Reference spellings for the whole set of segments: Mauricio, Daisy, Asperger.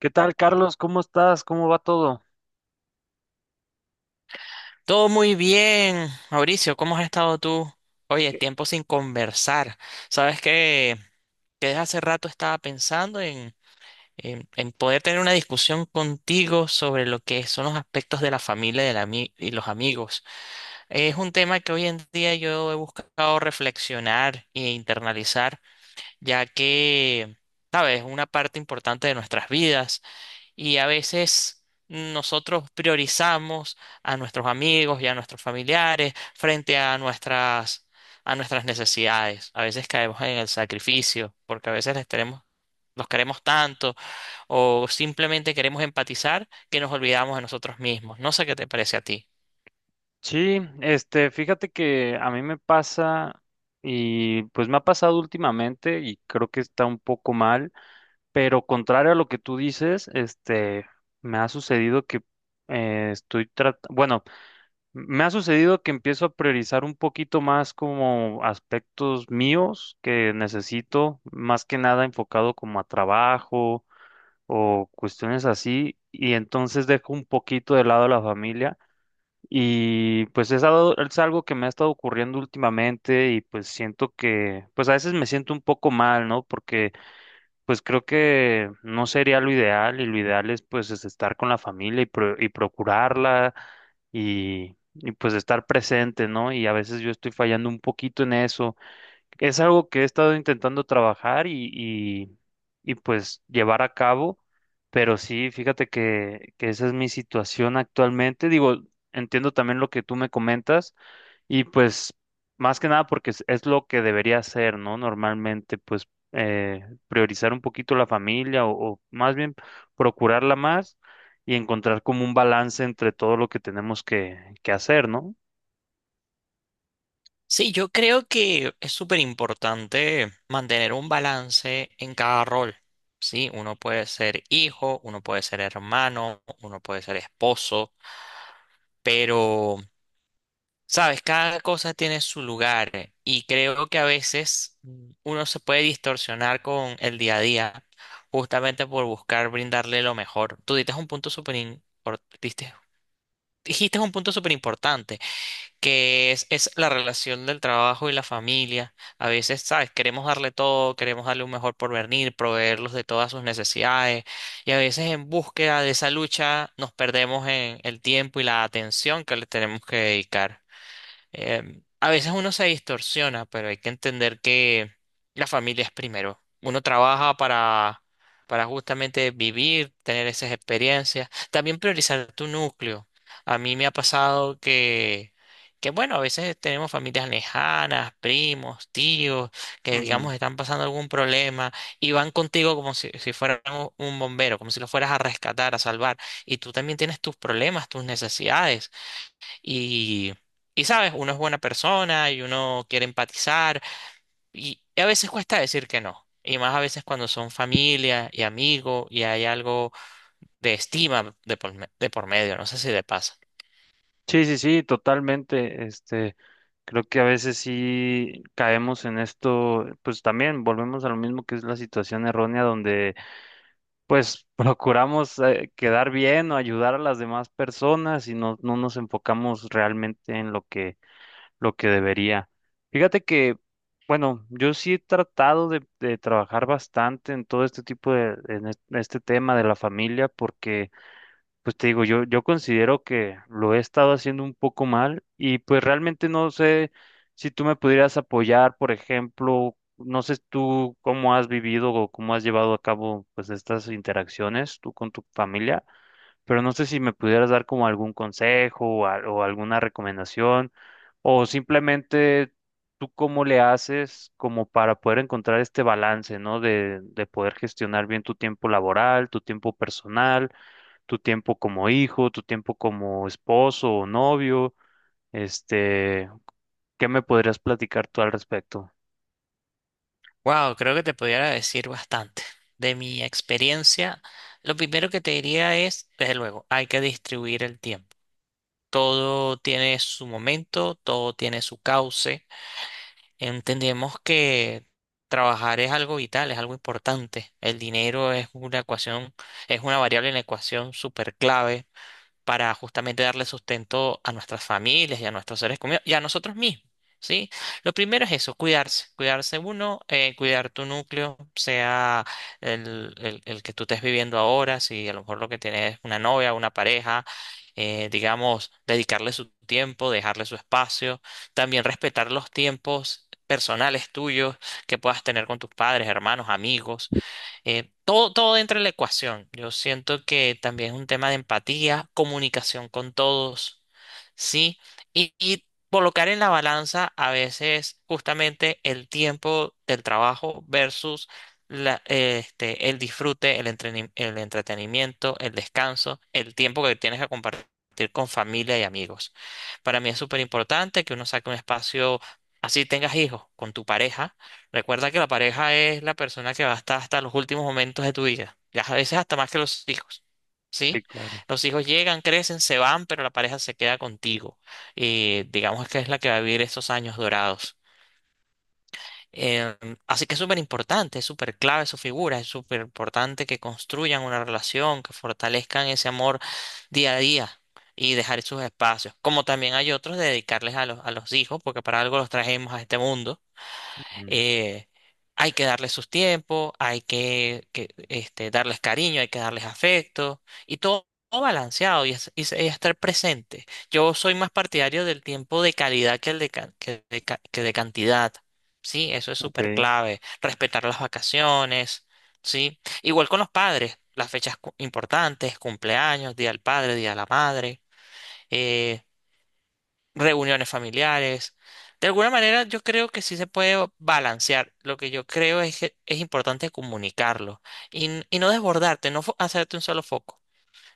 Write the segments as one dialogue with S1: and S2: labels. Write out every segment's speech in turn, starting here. S1: ¿Qué tal, Carlos? ¿Cómo estás? ¿Cómo va todo?
S2: Todo muy bien, Mauricio, ¿cómo has estado tú? Oye, tiempo sin conversar. Sabes que, desde hace rato estaba pensando en poder tener una discusión contigo sobre lo que son los aspectos de la familia y, y los amigos. Es un tema que hoy en día yo he buscado reflexionar e internalizar, ya que, sabes, es una parte importante de nuestras vidas. Y a veces nosotros priorizamos a nuestros amigos y a nuestros familiares frente a a nuestras necesidades. A veces caemos en el sacrificio porque a veces les tenemos, los queremos tanto o simplemente queremos empatizar que nos olvidamos de nosotros mismos. No sé qué te parece a ti.
S1: Sí, fíjate que a mí me pasa y pues me ha pasado últimamente y creo que está un poco mal, pero contrario a lo que tú dices, me ha sucedido que estoy tratando, bueno, me ha sucedido que empiezo a priorizar un poquito más como aspectos míos que necesito, más que nada enfocado como a trabajo o cuestiones así, y entonces dejo un poquito de lado a la familia. Y pues es algo que me ha estado ocurriendo últimamente y pues siento que, pues a veces me siento un poco mal, ¿no? Porque pues creo que no sería lo ideal y lo ideal es pues es estar con la familia y, y procurarla y pues estar presente, ¿no? Y a veces yo estoy fallando un poquito en eso, es algo que he estado intentando trabajar y pues llevar a cabo, pero sí, fíjate que esa es mi situación actualmente. Digo, entiendo también lo que tú me comentas y pues más que nada porque es lo que debería hacer, ¿no? Normalmente, pues eh, priorizar un poquito la familia o más bien procurarla más y encontrar como un balance entre todo lo que tenemos que hacer, ¿no?
S2: Sí, yo creo que es súper importante mantener un balance en cada rol. Sí, uno puede ser hijo, uno puede ser hermano, uno puede ser esposo. Pero, sabes, cada cosa tiene su lugar, y creo que a veces uno se puede distorsionar con el día a día justamente por buscar brindarle lo mejor. Tú dices un punto dijiste un punto súper importante, es la relación del trabajo y la familia. A veces, sabes, queremos darle todo, queremos darle un mejor porvenir, proveerlos de todas sus necesidades y a veces en búsqueda de esa lucha nos perdemos en el tiempo y la atención que le tenemos que dedicar. A veces uno se distorsiona, pero hay que entender que la familia es primero. Uno trabaja para justamente vivir, tener esas experiencias, también priorizar tu núcleo. A mí me ha pasado que bueno, a veces tenemos familias lejanas, primos, tíos, que digamos están pasando algún problema y van contigo como si fueran un bombero, como si lo fueras a rescatar, a salvar. Y tú también tienes tus problemas, tus necesidades. Y, y sabes, uno es buena persona y uno quiere empatizar y a veces cuesta decir que no. Y más a veces cuando son familia y amigos y hay algo de estima de por medio, no sé si te pasa.
S1: Sí, sí, sí, totalmente. Creo que a veces sí caemos en esto, pues también volvemos a lo mismo que es la situación errónea donde pues procuramos quedar bien o ayudar a las demás personas y no, no nos enfocamos realmente en lo que debería. Fíjate que, bueno, yo sí he tratado de trabajar bastante en todo este tipo de, en este tema de la familia porque pues te digo, yo considero que lo he estado haciendo un poco mal y pues realmente no sé si tú me pudieras apoyar, por ejemplo, no sé tú cómo has vivido o cómo has llevado a cabo pues estas interacciones tú con tu familia, pero no sé si me pudieras dar como algún consejo o, o alguna recomendación o simplemente tú cómo le haces como para poder encontrar este balance, ¿no? De poder gestionar bien tu tiempo laboral, tu tiempo personal, tu tiempo como hijo, tu tiempo como esposo o novio, este, ¿qué me podrías platicar tú al respecto?
S2: Wow, creo que te pudiera decir bastante. De mi experiencia, lo primero que te diría es, desde luego, hay que distribuir el tiempo. Todo tiene su momento, todo tiene su cauce. Entendemos que trabajar es algo vital, es algo importante. El dinero es una ecuación, es una variable en la ecuación súper clave para justamente darle sustento a nuestras familias y a nuestros seres queridos y a nosotros mismos, ¿sí? Lo primero es eso, cuidarse, cuidarse uno, cuidar tu núcleo, sea el que tú estés viviendo ahora, si a lo mejor lo que tienes es una novia, una pareja, digamos, dedicarle su tiempo, dejarle su espacio, también respetar los tiempos personales tuyos que puedas tener con tus padres, hermanos, amigos, todo entra en la ecuación. Yo siento que también es un tema de empatía, comunicación con todos, ¿sí? Y colocar en la balanza a veces justamente el tiempo del trabajo versus el disfrute, el entretenimiento, el descanso, el tiempo que tienes que compartir con familia y amigos. Para mí es súper importante que uno saque un espacio, así tengas hijos, con tu pareja. Recuerda que la pareja es la persona que va a estar hasta los últimos momentos de tu vida, ya a veces hasta más que los hijos,
S1: Sí,
S2: ¿sí?
S1: claro.
S2: Los hijos llegan, crecen, se van, pero la pareja se queda contigo. Y digamos que es la que va a vivir esos años dorados. Em, Así que es súper importante, es súper clave su figura, es súper importante que construyan una relación, que fortalezcan ese amor día a día y dejar sus espacios. Como también hay otros de dedicarles a a los hijos, porque para algo los trajimos a este mundo.
S1: Ujú.
S2: eh, Hay que darles sus tiempos, hay que, darles cariño, hay que darles afecto y todo balanceado y, y estar presente. Yo soy más partidario del tiempo de calidad que el de, ca- que de, ca- que de cantidad. Sí, eso es súper
S1: Ok.
S2: clave. Respetar las vacaciones, sí. Igual con los padres, las fechas importantes, cumpleaños, día del padre, día de la madre. eh, Reuniones familiares. De alguna manera, yo creo que sí se puede balancear. Lo que yo creo es que es importante comunicarlo y, y no desbordarte, no fo- hacerte un solo foco.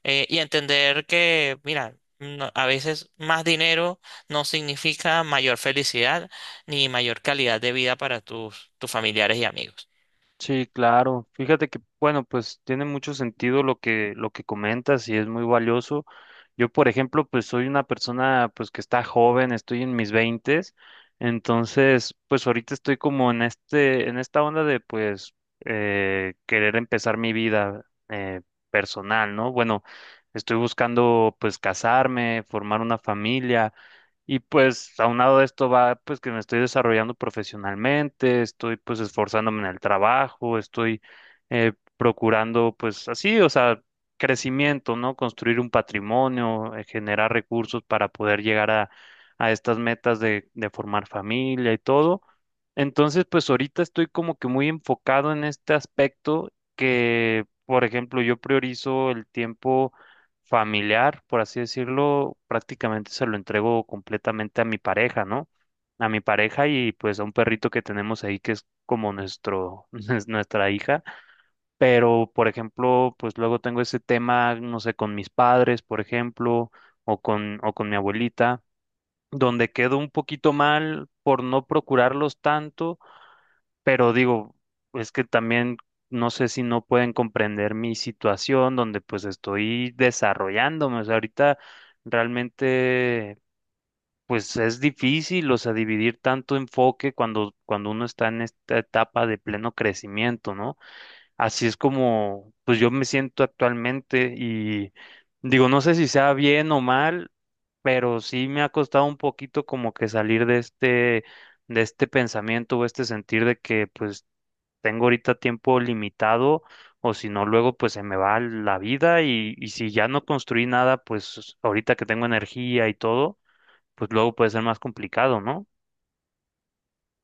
S2: Y entender que, mira, a veces más dinero no significa mayor felicidad ni mayor calidad de vida para tus familiares y amigos.
S1: Sí, claro. Fíjate que, bueno, pues tiene mucho sentido lo que comentas y es muy valioso. Yo, por ejemplo, pues soy una persona pues que está joven, estoy en mis veintes, entonces, pues ahorita estoy como en este, en esta onda de pues querer empezar mi vida personal, ¿no? Bueno, estoy buscando pues casarme, formar una familia. Y pues aunado de esto va pues que me estoy desarrollando profesionalmente, estoy pues esforzándome en el trabajo, estoy procurando pues así, o sea, crecimiento, ¿no? Construir un patrimonio, generar recursos para poder llegar a estas metas de formar familia y todo. Entonces pues ahorita estoy como que muy enfocado en este aspecto que, por ejemplo, yo priorizo el tiempo familiar, por así decirlo, prácticamente se lo entrego completamente a mi pareja, ¿no? A mi pareja y pues a un perrito que tenemos ahí que es como nuestro, es nuestra hija. Pero, por ejemplo, pues luego tengo ese tema, no sé, con mis padres, por ejemplo, o con mi abuelita, donde quedo un poquito mal por no procurarlos tanto, pero digo, es que también no sé si no pueden comprender mi situación donde pues estoy desarrollándome. O sea, ahorita realmente pues es difícil, o sea, dividir tanto enfoque cuando, cuando uno está en esta etapa de pleno crecimiento, ¿no? Así es como pues yo me siento actualmente y digo, no sé si sea bien o mal, pero sí me ha costado un poquito como que salir de este, de este pensamiento o este sentir de que pues tengo ahorita tiempo limitado o si no, luego pues se me va la vida y si ya no construí nada, pues ahorita que tengo energía y todo, pues luego puede ser más complicado, ¿no?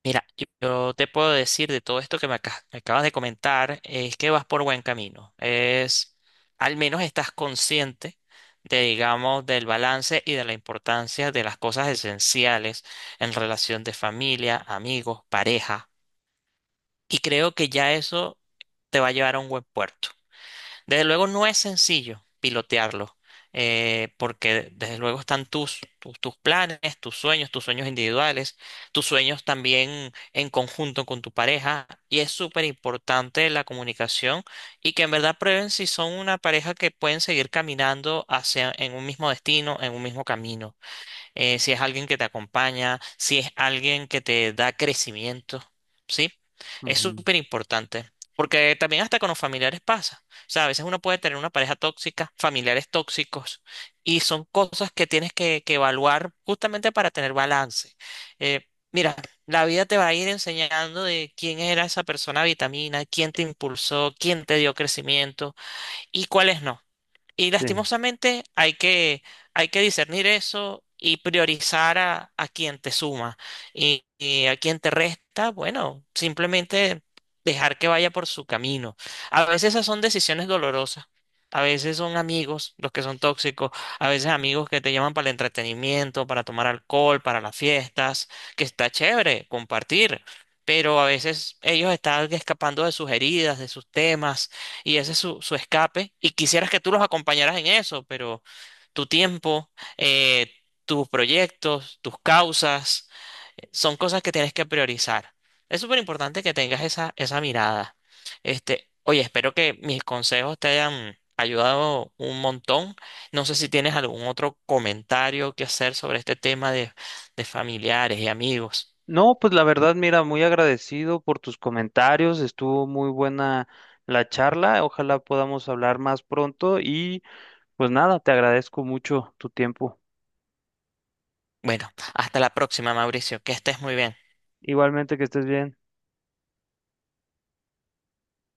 S2: Mira, yo te puedo decir de todo esto que me acabas de comentar, es que vas por buen camino. Es, al menos estás consciente de, digamos, del balance y de la importancia de las cosas esenciales en relación de familia, amigos, pareja. Y creo que ya eso te va a llevar a un buen puerto. Desde luego no es sencillo pilotearlo, porque desde luego están tus planes, tus sueños individuales, tus sueños también en conjunto con tu pareja, y es súper importante la comunicación y que en verdad prueben si son una pareja que pueden seguir caminando hacia en un mismo destino, en un mismo camino, si es alguien que te acompaña, si es alguien que te da crecimiento, ¿sí? Es
S1: Ujú,
S2: súper importante, porque también hasta con los familiares pasa. O sea, a veces uno puede tener una pareja tóxica, familiares tóxicos, y son cosas que tienes que evaluar justamente para tener balance. Eh, Mira, la vida te va a ir enseñando de quién era esa persona vitamina, quién te impulsó, quién te dio crecimiento y cuáles no. Y
S1: sí.
S2: lastimosamente hay que discernir eso y priorizar a quien te suma y a quien te resta, bueno, simplemente dejar que vaya por su camino. A veces esas son decisiones dolorosas, a veces son amigos los que son tóxicos, a veces amigos que te llaman para el entretenimiento, para tomar alcohol, para las fiestas, que está chévere compartir. Pero a veces ellos están escapando de sus heridas, de sus temas, y ese es su escape. Y quisieras que tú los acompañaras en eso, pero tu tiempo, eh, tus proyectos, tus causas, son cosas que tienes que priorizar. Es súper importante que tengas esa mirada. Este, oye, espero que mis consejos te hayan ayudado un montón. No sé si tienes algún otro comentario que hacer sobre este tema de familiares y amigos.
S1: No, pues la verdad, mira, muy agradecido por tus comentarios, estuvo muy buena la charla, ojalá podamos hablar más pronto y pues nada, te agradezco mucho tu tiempo.
S2: Bueno, hasta la próxima, Mauricio. Que estés muy bien.
S1: Igualmente, que estés bien.